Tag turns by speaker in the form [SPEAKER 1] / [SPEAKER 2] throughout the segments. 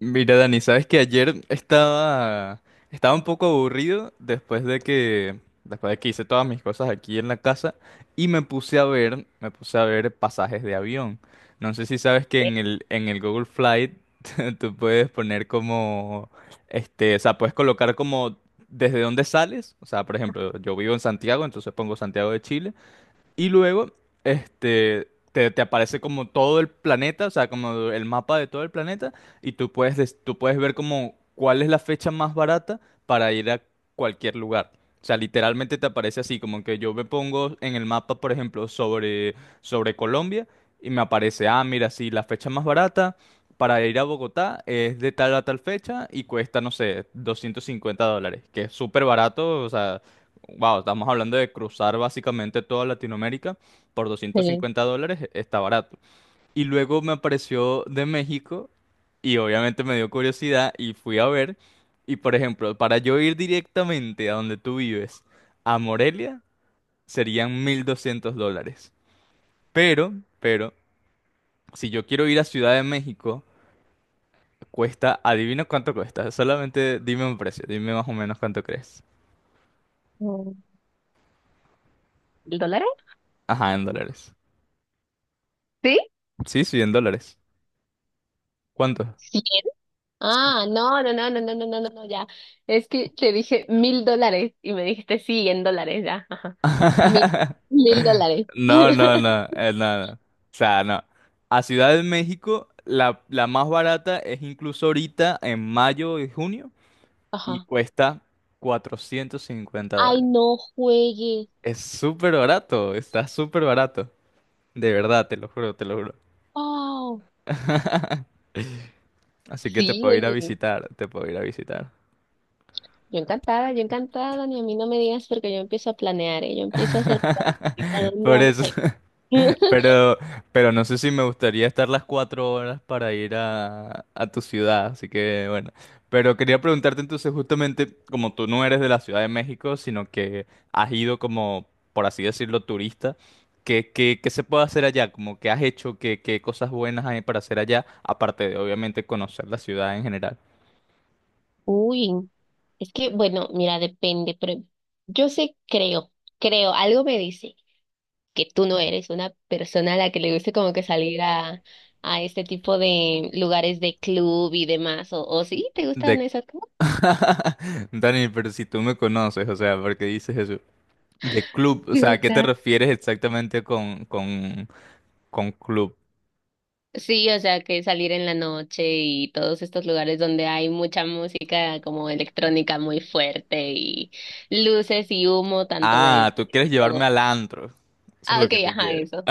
[SPEAKER 1] Mira, Dani, sabes que ayer estaba un poco aburrido después de que hice todas mis cosas aquí en la casa y me puse a ver pasajes de avión. No sé si sabes que en el Google Flight tú puedes poner como, o sea, puedes colocar como desde dónde sales. O sea, por ejemplo, yo vivo en Santiago, entonces pongo Santiago de Chile y luego, te aparece como todo el planeta, o sea, como el mapa de todo el planeta, y tú puedes, tú puedes ver como cuál es la fecha más barata para ir a cualquier lugar. O sea, literalmente te aparece así, como que yo me pongo en el mapa, por ejemplo, sobre Colombia, y me aparece, ah, mira, sí, la fecha más barata para ir a Bogotá es de tal a tal fecha y cuesta, no sé, 250 dólares, que es súper barato, o sea, wow, estamos hablando de cruzar básicamente toda Latinoamérica por doscientos
[SPEAKER 2] Sí.
[SPEAKER 1] cincuenta dólares, está barato. Y luego me apareció de México y obviamente me dio curiosidad y fui a ver. Y por ejemplo, para yo ir directamente a donde tú vives, a Morelia, serían 1.200 dólares. Pero, pero si yo quiero ir a Ciudad de México, cuesta, adivina cuánto cuesta, solamente dime un precio, dime más o menos cuánto crees.
[SPEAKER 2] Mm, ¿Dólares?
[SPEAKER 1] Ajá, en dólares.
[SPEAKER 2] ¿Sí?
[SPEAKER 1] Sí, sí, en dólares. ¿Cuánto?
[SPEAKER 2] Sí. Ah, no, no, no, no, no, no, no, no, no, ya. Es que te dije $1,000 y me dijiste sí, en dólares, ya. Ajá. Mil, mil dólares.
[SPEAKER 1] No, no, no, no, no. O sea, no. A Ciudad de México, la más barata es incluso ahorita en mayo y junio y
[SPEAKER 2] Ajá.
[SPEAKER 1] cuesta cuatrocientos cincuenta
[SPEAKER 2] Ay,
[SPEAKER 1] dólares.
[SPEAKER 2] no juegues.
[SPEAKER 1] Es súper barato, está súper barato. De verdad, te lo juro, te lo juro.
[SPEAKER 2] Oh,
[SPEAKER 1] Así que te
[SPEAKER 2] sí,
[SPEAKER 1] puedo ir a
[SPEAKER 2] oye.
[SPEAKER 1] visitar, te puedo ir a visitar.
[SPEAKER 2] Yo encantada, ni a mí no me digas porque yo empiezo a planear, ¿eh? Yo empiezo a hacer planes. ¿A dónde
[SPEAKER 1] Por
[SPEAKER 2] vamos
[SPEAKER 1] eso.
[SPEAKER 2] a ir?
[SPEAKER 1] Pero, pero no sé si me gustaría estar las 4 horas para ir a tu ciudad, así que bueno. Pero quería preguntarte entonces, justamente, como tú no eres de la Ciudad de México, sino que has ido como, por así decirlo, turista, ¿qué se puede hacer allá? Como qué has hecho, qué cosas buenas hay para hacer allá, aparte de obviamente conocer la ciudad en general.
[SPEAKER 2] Uy, es que, bueno, mira, depende, pero yo sé, creo, algo me dice que tú no eres una persona a la que le guste como que salir a este tipo de lugares de club y demás, o sí, ¿te gustan
[SPEAKER 1] De...
[SPEAKER 2] esas cosas?
[SPEAKER 1] Dani, pero si tú me conoces, o sea, ¿por qué dices eso? De club, o
[SPEAKER 2] ¿Te
[SPEAKER 1] sea, ¿a qué te
[SPEAKER 2] gusta?
[SPEAKER 1] refieres exactamente con club?
[SPEAKER 2] Sí, o sea, que salir en la noche y todos estos lugares donde hay mucha música como electrónica muy fuerte y luces y humo, tanto
[SPEAKER 1] Ah,
[SPEAKER 2] de,
[SPEAKER 1] tú quieres
[SPEAKER 2] de
[SPEAKER 1] llevarme
[SPEAKER 2] todo.
[SPEAKER 1] al antro. Eso es
[SPEAKER 2] Ah,
[SPEAKER 1] lo
[SPEAKER 2] ok,
[SPEAKER 1] que tú
[SPEAKER 2] ajá,
[SPEAKER 1] quieres.
[SPEAKER 2] eso.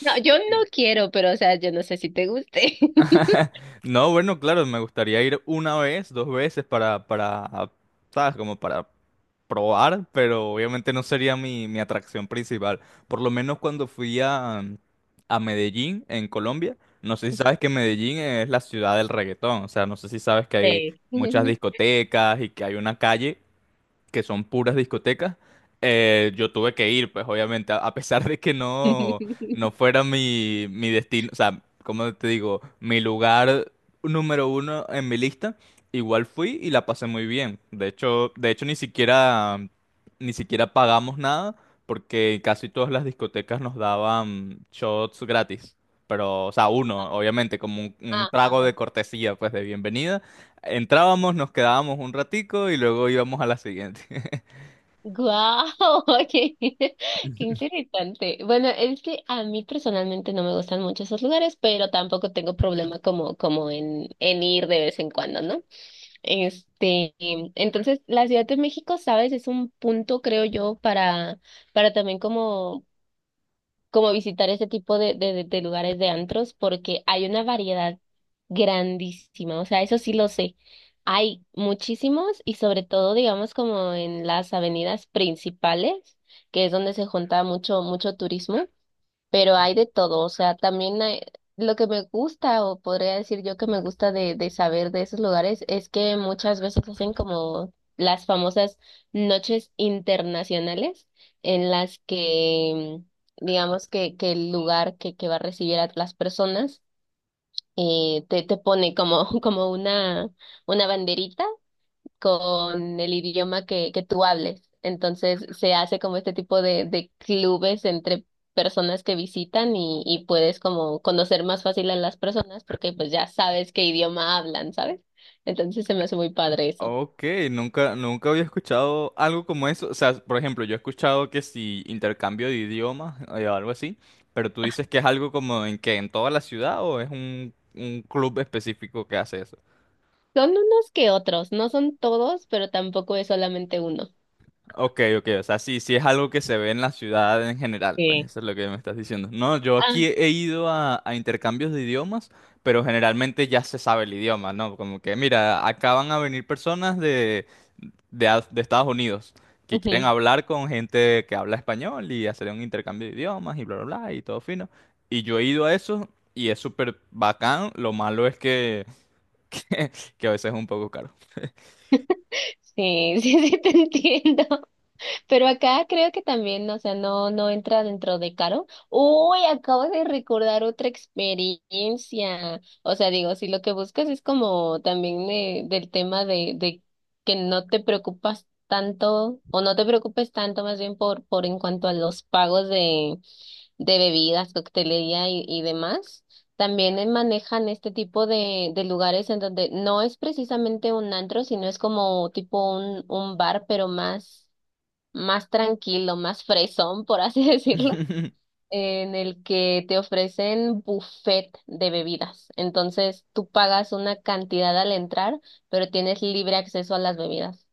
[SPEAKER 2] No, yo no quiero, pero o sea, yo no sé si te guste.
[SPEAKER 1] No, bueno, claro, me gustaría ir una vez, dos veces ¿sabes? Como para probar, pero obviamente no sería mi atracción principal. Por lo menos cuando fui a Medellín, en Colombia, no sé si sabes que Medellín es la ciudad del reggaetón, o sea, no sé si sabes que hay
[SPEAKER 2] Sí.
[SPEAKER 1] muchas discotecas y que hay una calle que son puras discotecas, yo tuve que ir, pues obviamente, a pesar de que no fuera mi destino, o sea, como te digo, mi lugar número uno en mi lista, igual fui y la pasé muy bien. De hecho ni siquiera pagamos nada, porque casi todas las discotecas nos daban shots gratis. Pero, o sea,
[SPEAKER 2] Ah,
[SPEAKER 1] uno, obviamente, como un trago
[SPEAKER 2] ajá.
[SPEAKER 1] de cortesía, pues de bienvenida. Entrábamos, nos quedábamos un ratico y luego íbamos a la siguiente.
[SPEAKER 2] Guau, oye qué interesante. Bueno, es que a mí personalmente no me gustan mucho esos lugares, pero tampoco tengo problema como en, ir de vez en cuando, ¿no? Este, entonces la Ciudad de México, sabes, es un punto, creo yo, para, también como visitar ese tipo de, de lugares de antros porque hay una variedad grandísima, o sea, eso sí lo sé. Hay muchísimos y sobre todo, digamos, como en las avenidas principales, que es donde se junta mucho, mucho turismo, pero hay de todo, o sea, también lo que me gusta, o podría decir yo que me gusta de saber de esos lugares, es que muchas veces hacen como las famosas noches internacionales en las que, digamos, que el lugar que va a recibir a las personas, te pone como, como una banderita con el idioma que tú hables. Entonces se hace como este tipo de clubes entre personas que visitan y puedes como conocer más fácil a las personas porque pues ya sabes qué idioma hablan, ¿sabes? Entonces se me hace muy padre eso.
[SPEAKER 1] Ok, nunca había escuchado algo como eso. O sea, por ejemplo, yo he escuchado que si intercambio de idiomas o algo así, pero tú dices que es algo como en que en toda la ciudad o es un club específico que hace eso.
[SPEAKER 2] Son unos que otros, no son todos, pero tampoco es solamente uno.
[SPEAKER 1] Ok, ok, o sea, sí, sí es algo que se ve en la ciudad en general, pues
[SPEAKER 2] Sí.
[SPEAKER 1] eso es lo que me estás diciendo. No, yo
[SPEAKER 2] Ah,
[SPEAKER 1] aquí he ido a intercambios de idiomas, pero generalmente ya se sabe el idioma, ¿no? Como que, mira, acá van a venir personas de Estados Unidos que quieren
[SPEAKER 2] ujú.
[SPEAKER 1] hablar con gente que habla español y hacer un intercambio de idiomas y bla, bla, bla, y todo fino. Y yo he ido a eso y es súper bacán, lo malo es que, que a veces es un poco caro.
[SPEAKER 2] Sí, sí, sí, te entiendo. Pero acá creo que también, o sea, no entra dentro de caro. Uy, acabo de recordar otra experiencia. O sea, digo, si lo que buscas es como también del tema de que no te preocupas tanto, o no te preocupes tanto más bien por en cuanto a los pagos de bebidas, coctelería y demás. También manejan este tipo de lugares en donde no es precisamente un antro, sino es como tipo un bar, pero más tranquilo, más fresón, por así decirlo, en el que te ofrecen buffet de bebidas. Entonces, tú pagas una cantidad al entrar, pero tienes libre acceso a las bebidas.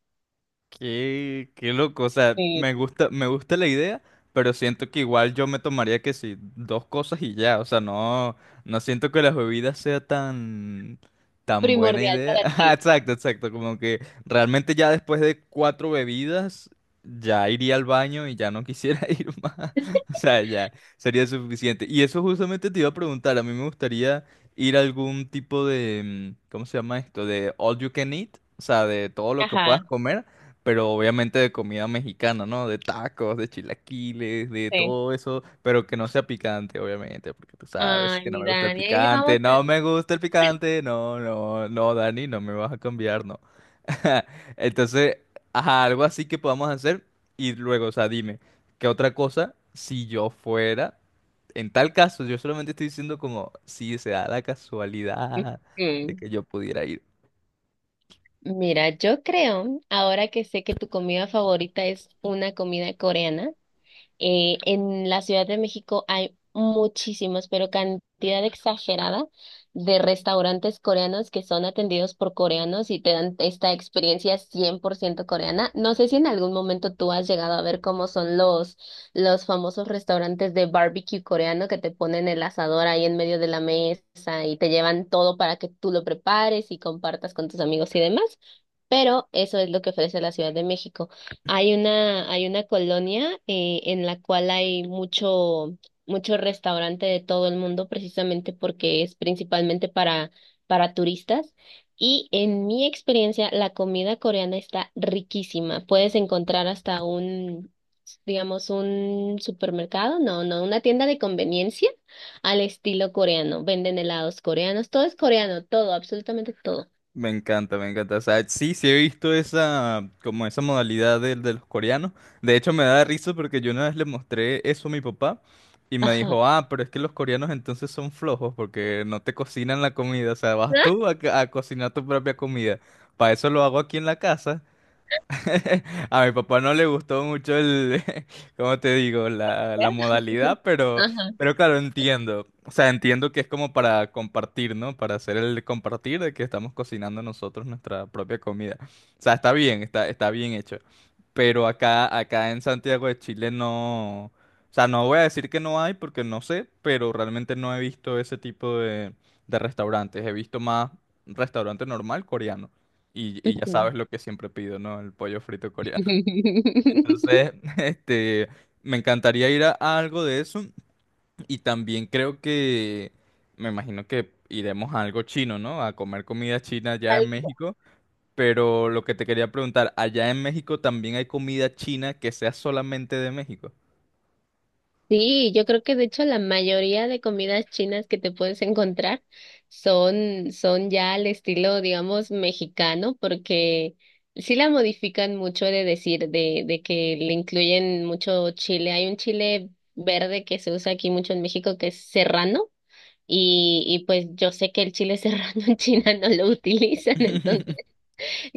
[SPEAKER 1] Qué, qué loco, o sea,
[SPEAKER 2] Sí,
[SPEAKER 1] me gusta la idea, pero siento que igual yo me tomaría que sí, dos cosas y ya, o sea, no siento que las bebidas sea tan, tan buena
[SPEAKER 2] primordial
[SPEAKER 1] idea.
[SPEAKER 2] para
[SPEAKER 1] Ah,
[SPEAKER 2] ti.
[SPEAKER 1] exacto, exacto, como que realmente ya después de cuatro bebidas ya iría al baño y ya no quisiera ir más, o sea, ya sería suficiente. Y eso justamente te iba a preguntar, a mí me gustaría ir a algún tipo de, ¿cómo se llama esto? De all you can eat, o sea, de todo lo que puedas
[SPEAKER 2] Ajá,
[SPEAKER 1] comer pero obviamente de comida mexicana, ¿no? De tacos, de chilaquiles, de
[SPEAKER 2] sí.
[SPEAKER 1] todo eso, pero que no sea picante, obviamente, porque tú sabes
[SPEAKER 2] Ay,
[SPEAKER 1] que no
[SPEAKER 2] mi
[SPEAKER 1] me gusta el
[SPEAKER 2] Dani, ahí le
[SPEAKER 1] picante,
[SPEAKER 2] vamos a...
[SPEAKER 1] no me gusta el picante, no, no, no, Dani, no me vas a cambiar, no. Entonces, ajá, algo así que podamos hacer y luego, o sea, dime, ¿qué otra cosa si yo fuera, en tal caso, yo solamente estoy diciendo como si se da la casualidad de
[SPEAKER 2] Mm.
[SPEAKER 1] que yo pudiera ir.
[SPEAKER 2] Mira, yo creo, ahora que sé que tu comida favorita es una comida coreana. En la Ciudad de México hay muchísimos, pero cantidad exagerada de restaurantes coreanos que son atendidos por coreanos y te dan esta experiencia 100% coreana. No sé si en algún momento tú has llegado a ver cómo son los, famosos restaurantes de barbecue coreano que te ponen el asador ahí en medio de la mesa y te llevan todo para que tú lo prepares y compartas con tus amigos y demás. Pero eso es lo que ofrece la Ciudad de México. Hay una colonia, en la cual hay mucho, mucho restaurante de todo el mundo, precisamente porque es principalmente para, turistas. Y en mi experiencia, la comida coreana está riquísima. Puedes encontrar hasta un, digamos, un supermercado, no, no, una tienda de conveniencia al estilo coreano. Venden helados coreanos, todo es coreano, todo, absolutamente todo.
[SPEAKER 1] Me encanta, me encanta. O sea, sí, sí he visto esa, como esa modalidad del de los coreanos. De hecho, me da risa porque yo una vez le mostré eso a mi papá y me
[SPEAKER 2] Ajá.
[SPEAKER 1] dijo, ah, pero es que los coreanos entonces son flojos porque no te cocinan la comida. O sea, vas tú a, a cocinar tu propia comida. Para eso lo hago aquí en la casa. A mi papá no le gustó mucho el, ¿cómo te digo? La modalidad,
[SPEAKER 2] Ajá.
[SPEAKER 1] pero claro, entiendo. O sea, entiendo que es como para compartir, ¿no? Para hacer el compartir de que estamos cocinando nosotros nuestra propia comida. O sea, está bien, está bien hecho. Pero acá en Santiago de Chile no. O sea, no voy a decir que no hay porque no sé, pero realmente no he visto ese tipo de restaurantes. He visto más restaurante normal coreano y ya
[SPEAKER 2] Ujú.
[SPEAKER 1] sabes lo que siempre pido, ¿no? El pollo frito coreano. Entonces, me encantaría ir a algo de eso y también creo que, me imagino que iremos a algo chino, ¿no? A comer comida china allá en
[SPEAKER 2] Tal cual.
[SPEAKER 1] México. Pero lo que te quería preguntar, ¿allá en México también hay comida china que sea solamente de México?
[SPEAKER 2] Sí, yo creo que de hecho la mayoría de comidas chinas que te puedes encontrar son ya al estilo, digamos, mexicano, porque sí la modifican mucho he de decir, de que le incluyen mucho chile. Hay un chile verde que se usa aquí mucho en México que es serrano, y pues yo sé que el chile serrano en China no lo utilizan,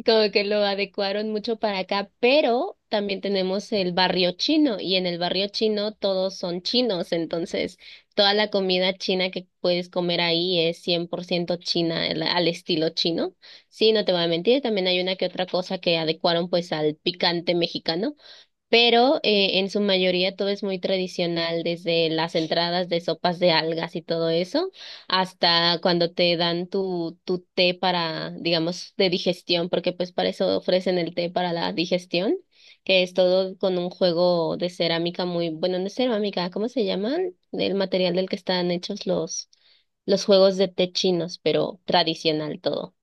[SPEAKER 2] como que lo adecuaron mucho para acá, pero también tenemos el barrio chino y en el barrio chino todos son chinos, entonces toda la comida china que puedes comer ahí es 100% china al estilo chino. Sí, no te voy a mentir, también hay una que otra cosa que adecuaron pues al picante mexicano, pero en su mayoría todo es muy tradicional, desde las entradas de sopas de algas y todo eso, hasta cuando te dan tu, té para, digamos, de digestión, porque pues para eso ofrecen el té para la digestión, que es todo con un juego de cerámica muy, bueno, no es cerámica, ¿cómo se llaman? El material del que están hechos los, juegos de té chinos, pero tradicional todo.